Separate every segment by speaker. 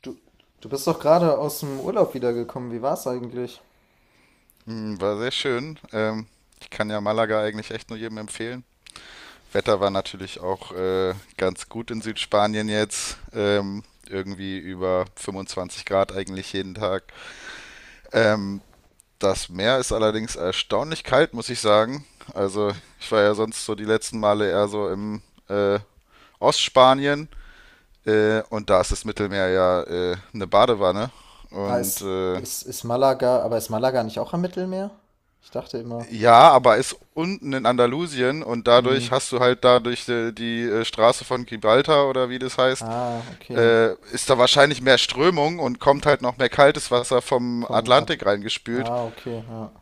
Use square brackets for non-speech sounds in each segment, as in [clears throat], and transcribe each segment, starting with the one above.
Speaker 1: Du, du bist doch gerade aus dem Urlaub wiedergekommen. Wie war's eigentlich?
Speaker 2: War sehr schön. Ich kann ja Malaga eigentlich echt nur jedem empfehlen. Wetter war natürlich auch ganz gut in Südspanien jetzt. Irgendwie über 25 Grad eigentlich jeden Tag. Ähm, Das Meer ist allerdings erstaunlich kalt, muss ich sagen. Also ich war ja sonst so die letzten Male eher so im äh, Ostspanien, und da ist das Mittelmeer ja eine Badewanne.
Speaker 1: Ah,
Speaker 2: Und
Speaker 1: ist, ist, ist Malaga, aber ist Malaga nicht auch am Mittelmeer? Ich dachte immer.
Speaker 2: ja, aber ist unten in Andalusien und
Speaker 1: Hm.
Speaker 2: dadurch hast du halt dadurch die, die Straße von Gibraltar oder wie das heißt,
Speaker 1: Ah, okay.
Speaker 2: ist da wahrscheinlich mehr Strömung und kommt halt noch mehr kaltes Wasser vom
Speaker 1: Vom Atl
Speaker 2: Atlantik reingespült.
Speaker 1: Ah, okay, ja.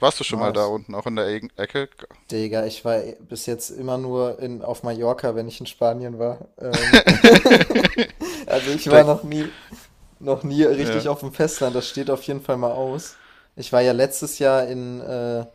Speaker 2: Warst du schon mal da
Speaker 1: Nice.
Speaker 2: unten, auch in der Ecke?
Speaker 1: Digga, ich war bis jetzt immer nur auf Mallorca, wenn ich in Spanien war. [laughs] Also
Speaker 2: [laughs]
Speaker 1: ich
Speaker 2: Der,
Speaker 1: war noch nie, noch nie richtig
Speaker 2: ja.
Speaker 1: auf dem Festland, das steht auf jeden Fall mal aus. Ich war ja letztes Jahr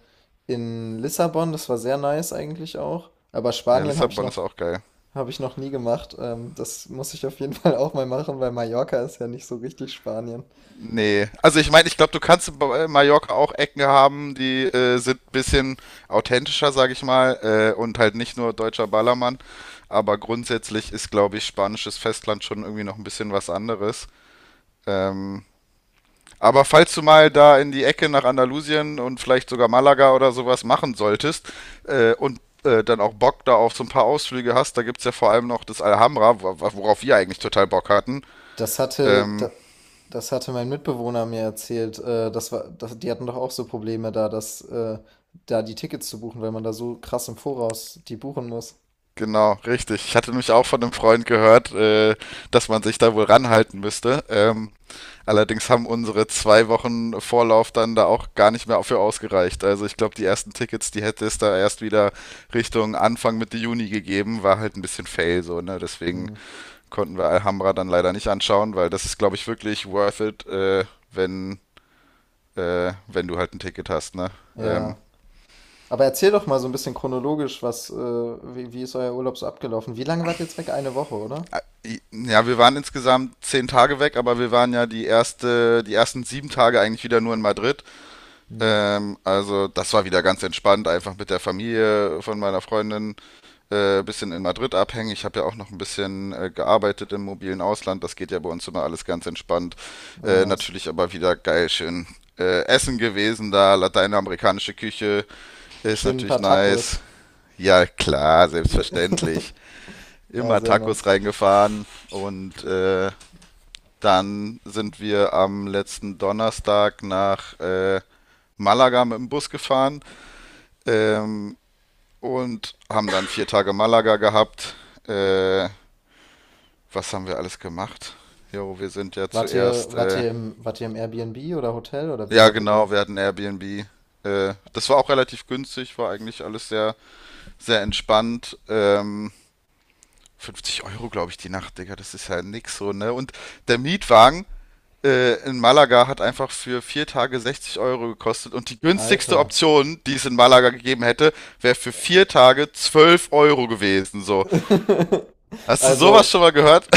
Speaker 1: in Lissabon, das war sehr nice eigentlich auch. Aber
Speaker 2: Ja,
Speaker 1: Spanien
Speaker 2: Lissabon ist auch geil.
Speaker 1: habe ich noch nie gemacht. Das muss ich auf jeden [laughs] Fall auch mal machen, weil Mallorca ist ja nicht so richtig Spanien.
Speaker 2: Nee, also ich meine, ich glaube, du kannst bei Mallorca auch Ecken haben, die sind ein bisschen authentischer, sage ich mal, und halt nicht nur deutscher Ballermann. Aber grundsätzlich ist, glaube ich, spanisches Festland schon irgendwie noch ein bisschen was anderes. Ähm, aber falls du mal da in die Ecke nach Andalusien und vielleicht sogar Malaga oder sowas machen solltest, und dann auch Bock da auf so ein paar Ausflüge hast, da gibt es ja vor allem noch das Alhambra, worauf wir eigentlich total Bock hatten.
Speaker 1: Das hatte,
Speaker 2: Ähm,
Speaker 1: da, Das hatte mein Mitbewohner mir erzählt. Die hatten doch auch so Probleme da, dass da die Tickets zu buchen, weil man da so krass im Voraus die buchen muss.
Speaker 2: Genau, richtig. Ich hatte nämlich auch von einem Freund gehört, dass man sich da wohl ranhalten müsste. Allerdings haben unsere zwei Wochen Vorlauf dann da auch gar nicht mehr für ausgereicht. Also ich glaube, die ersten Tickets, die hätte es da erst wieder Richtung Anfang Mitte Juni gegeben, war halt ein bisschen fail so, ne? Deswegen
Speaker 1: Hm.
Speaker 2: konnten wir Alhambra dann leider nicht anschauen, weil das ist, glaube ich, wirklich worth it, wenn, wenn du halt ein Ticket hast, ne? Ähm,
Speaker 1: Ja. Aber erzähl doch mal so ein bisschen chronologisch, wie ist euer Urlaub so abgelaufen? Wie lange wart ihr jetzt weg? Eine Woche, oder?
Speaker 2: ja, wir waren insgesamt 10 Tage weg, aber wir waren ja die ersten 7 Tage eigentlich wieder nur in Madrid.
Speaker 1: Hm.
Speaker 2: Also das war wieder ganz entspannt, einfach mit der Familie von meiner Freundin bisschen in Madrid abhängen. Ich habe ja auch noch ein bisschen gearbeitet im mobilen Ausland. Das geht ja bei uns immer alles ganz entspannt.
Speaker 1: Ah, nice.
Speaker 2: Natürlich aber wieder geil, schön Essen gewesen da, lateinamerikanische Küche ist
Speaker 1: Schön ein
Speaker 2: natürlich
Speaker 1: paar
Speaker 2: nice.
Speaker 1: Tacos.
Speaker 2: Ja, klar,
Speaker 1: [laughs]
Speaker 2: selbstverständlich.
Speaker 1: Ja,
Speaker 2: Immer
Speaker 1: sehr
Speaker 2: Tacos
Speaker 1: nice.
Speaker 2: reingefahren und dann sind wir am letzten Donnerstag nach Malaga mit dem Bus gefahren ähm, und haben dann vier Tage Malaga gehabt. Äh, was haben wir alles gemacht? Jo, wir sind ja
Speaker 1: Wart ihr,
Speaker 2: zuerst,
Speaker 1: wart ihr im, wart ihr im Airbnb oder Hotel oder wie
Speaker 2: ja
Speaker 1: wart ihr da?
Speaker 2: genau, wir hatten Airbnb. Das war auch relativ günstig, war eigentlich alles sehr entspannt. 50 Euro, glaube ich, die Nacht, Digga, das ist ja nix so, ne? Und der Mietwagen, in Malaga hat einfach für vier Tage 60 € gekostet und die günstigste
Speaker 1: Alter.
Speaker 2: Option, die es in Malaga gegeben hätte, wäre für vier Tage 12 € gewesen. So.
Speaker 1: [laughs]
Speaker 2: Hast du sowas
Speaker 1: Also,
Speaker 2: schon mal gehört?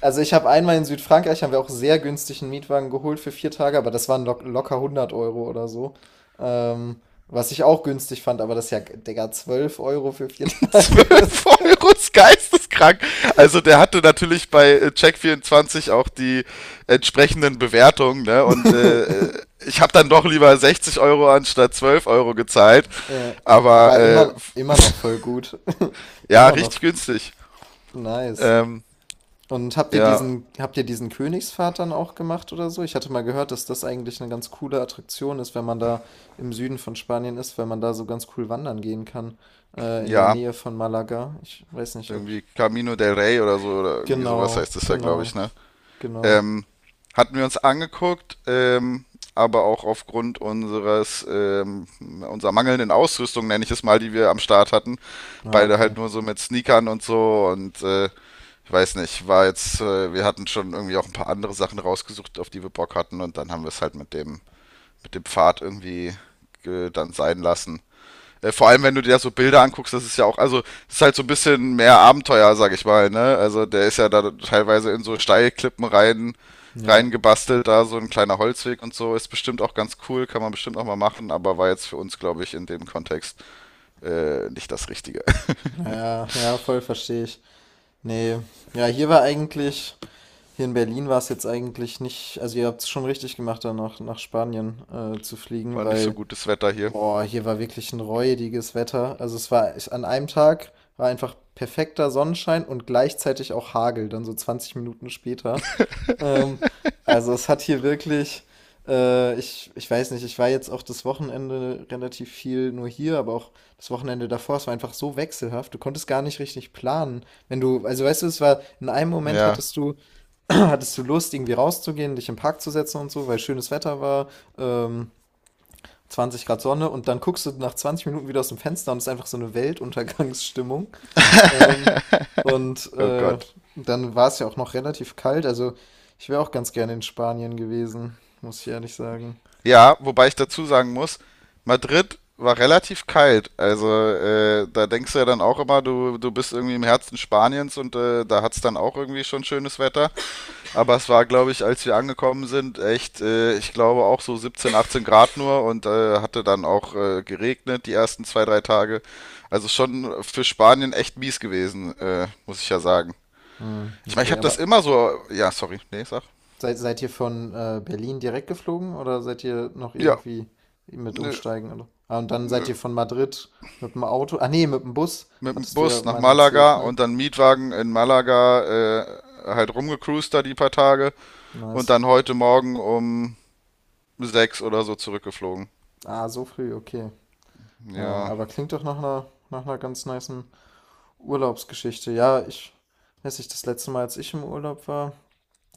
Speaker 1: also ich habe einmal in Südfrankreich, haben wir auch sehr günstigen Mietwagen geholt für 4 Tage, aber das waren locker 100 Euro oder so. Ähm, Was ich auch günstig fand, aber das ist ja, Digga, 12 Euro für vier [laughs]
Speaker 2: [laughs]
Speaker 1: Tage
Speaker 2: 12
Speaker 1: ist.
Speaker 2: Euro ist geisteskrank. Also der hatte natürlich bei Check24 auch die entsprechenden Bewertungen, ne? Und ich habe dann doch lieber 60 € anstatt 12 € gezahlt.
Speaker 1: Äh,
Speaker 2: Aber
Speaker 1: aber immer noch voll gut. [laughs]
Speaker 2: ja,
Speaker 1: Immer noch
Speaker 2: richtig günstig.
Speaker 1: nice.
Speaker 2: Ähm,
Speaker 1: Und habt ihr
Speaker 2: ja,
Speaker 1: diesen, habt ihr diesen Königspfad dann auch gemacht oder so? Ich hatte mal gehört, dass das eigentlich eine ganz coole Attraktion ist, wenn man da im Süden von Spanien ist, weil man da so ganz cool wandern gehen kann, in der
Speaker 2: ja.
Speaker 1: Nähe von Malaga. Ich weiß nicht, ob.
Speaker 2: Irgendwie Camino del Rey oder so, oder irgendwie sowas
Speaker 1: Genau,
Speaker 2: heißt es ja, glaube ich,
Speaker 1: genau,
Speaker 2: ne?
Speaker 1: genau.
Speaker 2: Ähm, hatten wir uns angeguckt, aber auch aufgrund unserer mangelnden Ausrüstung, nenne ich es mal, die wir am Start hatten.
Speaker 1: Ah,
Speaker 2: Beide halt
Speaker 1: okay.
Speaker 2: nur so mit Sneakern und so und ich weiß nicht, wir hatten schon irgendwie auch ein paar andere Sachen rausgesucht, auf die wir Bock hatten und dann haben wir es halt mit mit dem Pfad irgendwie dann sein lassen. Vor allem, wenn du dir so Bilder anguckst, das ist ja auch, also, das ist halt so ein bisschen mehr Abenteuer, sag ich mal, ne? Also, der ist ja da teilweise in so
Speaker 1: Ja,
Speaker 2: reingebastelt, da so ein kleiner Holzweg und so. Ist bestimmt auch ganz cool, kann man bestimmt auch mal machen, aber war jetzt für uns, glaube ich, in dem Kontext nicht das Richtige.
Speaker 1: ja, ja, voll verstehe ich. Nee, ja, hier in Berlin war es jetzt eigentlich nicht, also ihr habt's schon richtig gemacht, da nach Spanien zu
Speaker 2: [laughs]
Speaker 1: fliegen,
Speaker 2: War nicht so
Speaker 1: weil,
Speaker 2: gutes Wetter hier.
Speaker 1: boah, hier war wirklich ein räudiges Wetter. Also, es war ich an einem Tag war einfach perfekter Sonnenschein und gleichzeitig auch Hagel dann so 20 Minuten später. Ähm, also es hat hier wirklich, ich weiß nicht, ich war jetzt auch das Wochenende relativ viel nur hier, aber auch das Wochenende davor, es war einfach so wechselhaft, du konntest gar nicht richtig planen. Wenn du, Also weißt du, in einem Moment
Speaker 2: Ja,
Speaker 1: hattest du, [clears throat] hattest du Lust, irgendwie rauszugehen, dich im Park zu setzen und so, weil schönes Wetter war, ähm, 20 Grad Sonne, und dann guckst du nach 20 Minuten wieder aus dem Fenster und es ist einfach so eine Weltuntergangsstimmung. Ähm, und
Speaker 2: oh
Speaker 1: äh,
Speaker 2: Gott.
Speaker 1: Dann war es ja auch noch relativ kalt. Also ich wäre auch ganz gerne in Spanien gewesen, muss ich ehrlich sagen.
Speaker 2: Ja, wobei ich dazu sagen muss, Madrid war relativ kalt. Also da denkst du ja dann auch immer, du bist irgendwie im Herzen Spaniens und da hat's dann auch irgendwie schon schönes Wetter. Aber es war, glaube ich, als wir angekommen sind, echt, ich glaube auch so 17, 18 Grad nur und hatte dann auch geregnet die ersten zwei, drei Tage. Also schon für Spanien echt mies gewesen, muss ich ja sagen.
Speaker 1: Hm,
Speaker 2: Ich meine, ich
Speaker 1: okay,
Speaker 2: habe das
Speaker 1: aber
Speaker 2: immer so. Ja, sorry, nee, sag.
Speaker 1: seid ihr von Berlin direkt geflogen oder seid ihr noch
Speaker 2: Ja,
Speaker 1: irgendwie mit
Speaker 2: nö,
Speaker 1: umsteigen? Oder? Ah, und dann seid
Speaker 2: nö.
Speaker 1: ihr von Madrid mit dem Auto. Ah nee, mit dem Bus,
Speaker 2: Mit dem
Speaker 1: hattest du ja
Speaker 2: Bus nach
Speaker 1: mal erzählt,
Speaker 2: Malaga
Speaker 1: ne?
Speaker 2: und dann Mietwagen in Malaga halt rumgecruised da die paar Tage und
Speaker 1: Nice.
Speaker 2: dann heute Morgen um sechs oder so zurückgeflogen.
Speaker 1: Ah, so früh, okay. Ja,
Speaker 2: Ja,
Speaker 1: aber klingt doch nach einer ganz nicen Urlaubsgeschichte. Ja, ich weiß nicht, das letzte Mal, als ich im Urlaub war.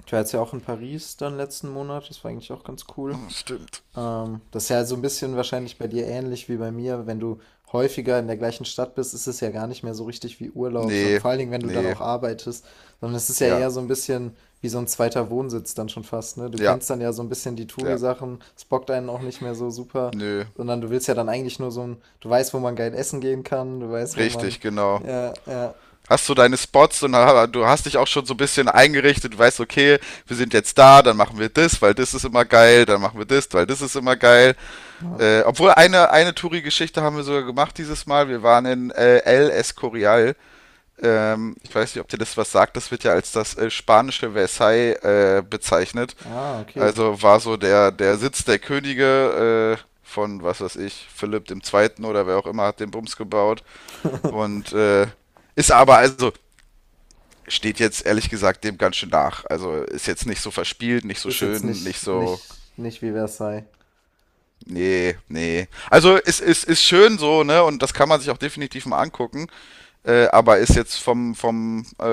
Speaker 1: Ich war jetzt ja auch in Paris dann letzten Monat, das war eigentlich auch ganz cool.
Speaker 2: stimmt.
Speaker 1: Das ist ja so ein bisschen wahrscheinlich bei dir ähnlich wie bei mir. Wenn du häufiger in der gleichen Stadt bist, ist es ja gar nicht mehr so richtig wie Urlaub, sondern
Speaker 2: Nee,
Speaker 1: vor allen Dingen, wenn du dann
Speaker 2: nee,
Speaker 1: auch arbeitest, sondern es ist ja
Speaker 2: ja,
Speaker 1: eher so ein bisschen wie so ein zweiter Wohnsitz dann schon fast, ne? Du
Speaker 2: ja,
Speaker 1: kennst dann ja so ein bisschen die
Speaker 2: ja,
Speaker 1: Touri-Sachen, es bockt einen auch nicht mehr so super,
Speaker 2: nö,
Speaker 1: sondern du willst ja dann eigentlich nur so ein, du weißt, wo man geil essen gehen kann, du weißt, wo
Speaker 2: richtig,
Speaker 1: man,
Speaker 2: genau.
Speaker 1: ja, ja,
Speaker 2: Hast du deine Spots und du hast dich auch schon so ein bisschen eingerichtet, du weißt, okay, wir sind jetzt da, dann machen wir das, weil das ist immer geil, dann machen wir das, weil das ist immer geil.
Speaker 1: ja,
Speaker 2: Obwohl eine Touri-Geschichte haben wir sogar gemacht dieses Mal. Wir waren in El Escorial. Ich weiß nicht, ob dir das was sagt. Das wird ja als das spanische Versailles bezeichnet.
Speaker 1: ah, okay.
Speaker 2: Also war so der Sitz der Könige von, was weiß ich, Philipp dem Zweiten oder wer auch immer hat den Bums gebaut. Und ist aber, also steht jetzt ehrlich gesagt dem ganz schön nach. Also ist jetzt nicht so verspielt, nicht so
Speaker 1: Ist jetzt
Speaker 2: schön, nicht
Speaker 1: nicht,
Speaker 2: so.
Speaker 1: nicht, nicht wie Versailles.
Speaker 2: Nee, nee. Also es ist, ist schön so, ne? Und das kann man sich auch definitiv mal angucken. Aber ist jetzt vom, vom äh,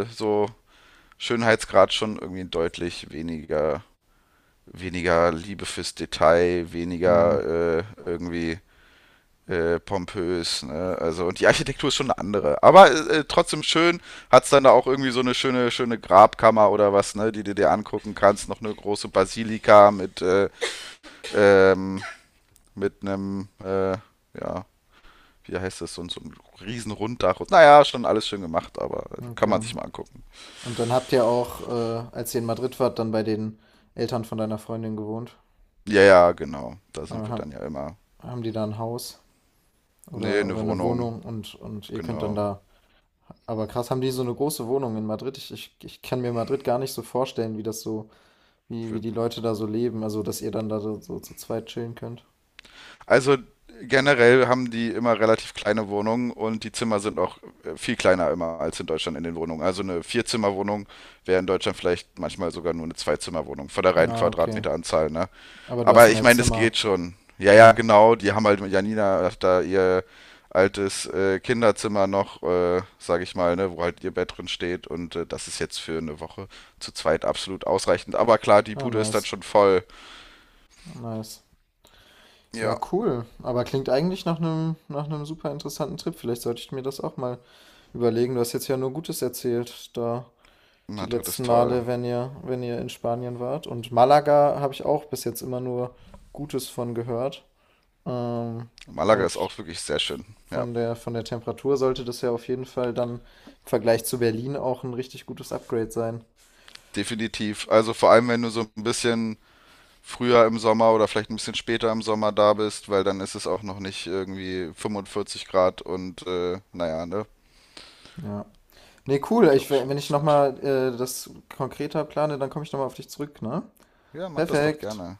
Speaker 2: äh, so Schönheitsgrad schon irgendwie deutlich weniger Liebe fürs Detail,
Speaker 1: Hm.
Speaker 2: weniger irgendwie pompös. Ne? Also und die Architektur ist schon eine andere. Aber trotzdem schön. Hat's dann da auch irgendwie so eine schöne Grabkammer oder was, ne, die du dir angucken kannst. Noch eine große Basilika ähm, mit einem ja wie heißt das, so ein riesen Runddach. Und, naja, schon alles schön gemacht, aber kann man
Speaker 1: Okay.
Speaker 2: sich mal angucken.
Speaker 1: Und dann habt ihr auch als ihr in Madrid wart, dann bei den Eltern von deiner Freundin gewohnt.
Speaker 2: Ja, ja, genau. Da
Speaker 1: Äh,
Speaker 2: sind wir
Speaker 1: haben,
Speaker 2: dann ja immer.
Speaker 1: Haben die da ein Haus
Speaker 2: Nee,
Speaker 1: oder
Speaker 2: eine
Speaker 1: eine
Speaker 2: Wohnung,
Speaker 1: Wohnung, und ihr könnt dann
Speaker 2: genau.
Speaker 1: da. Aber krass, haben die so eine große Wohnung in Madrid? Ich kann mir Madrid gar nicht so vorstellen, wie
Speaker 2: Für-
Speaker 1: die Leute da so leben. Also, dass ihr dann da so zu zweit chillen könnt.
Speaker 2: Also generell haben die immer relativ kleine Wohnungen und die Zimmer sind auch viel kleiner immer als in Deutschland in den Wohnungen. Also eine Vierzimmerwohnung wäre in Deutschland vielleicht manchmal sogar nur eine Zweizimmerwohnung von der reinen
Speaker 1: Ja, okay.
Speaker 2: Quadratmeteranzahl, ne?
Speaker 1: Aber du hast
Speaker 2: Aber ich
Speaker 1: mehr
Speaker 2: meine, das
Speaker 1: Zimmer.
Speaker 2: geht schon. Ja, ja,
Speaker 1: Ja.
Speaker 2: genau. Die haben halt mit Janina da ihr altes Kinderzimmer noch, sage ich mal, ne, wo halt ihr Bett drin steht. Und das ist jetzt für eine Woche zu zweit absolut ausreichend. Aber klar, die
Speaker 1: Ah,
Speaker 2: Bude ist dann
Speaker 1: nice.
Speaker 2: schon voll.
Speaker 1: Nice.
Speaker 2: Ja,
Speaker 1: Ja, cool. Aber klingt eigentlich nach einem super interessanten Trip. Vielleicht sollte ich mir das auch mal überlegen. Du hast jetzt ja nur Gutes erzählt da die
Speaker 2: Madrid ist
Speaker 1: letzten
Speaker 2: toll.
Speaker 1: Male, wenn ihr in Spanien wart. Und Malaga habe ich auch bis jetzt immer nur Gutes von gehört. Ähm,
Speaker 2: Malaga ist
Speaker 1: und
Speaker 2: auch wirklich sehr schön. Ja,
Speaker 1: von der Temperatur sollte das ja auf jeden Fall dann im Vergleich zu Berlin auch ein richtig gutes Upgrade sein.
Speaker 2: definitiv. Also vor allem, wenn du so ein bisschen früher im Sommer oder vielleicht ein bisschen später im Sommer da bist, weil dann ist es auch noch nicht irgendwie 45 Grad und naja, ne,
Speaker 1: Ja. Ne, cool. Ich
Speaker 2: glaube ich schon
Speaker 1: Wenn ich
Speaker 2: ganz
Speaker 1: noch
Speaker 2: nett.
Speaker 1: mal das konkreter plane, dann komme ich noch mal auf dich zurück, ne?
Speaker 2: Ja, mach das doch
Speaker 1: Perfekt.
Speaker 2: gerne.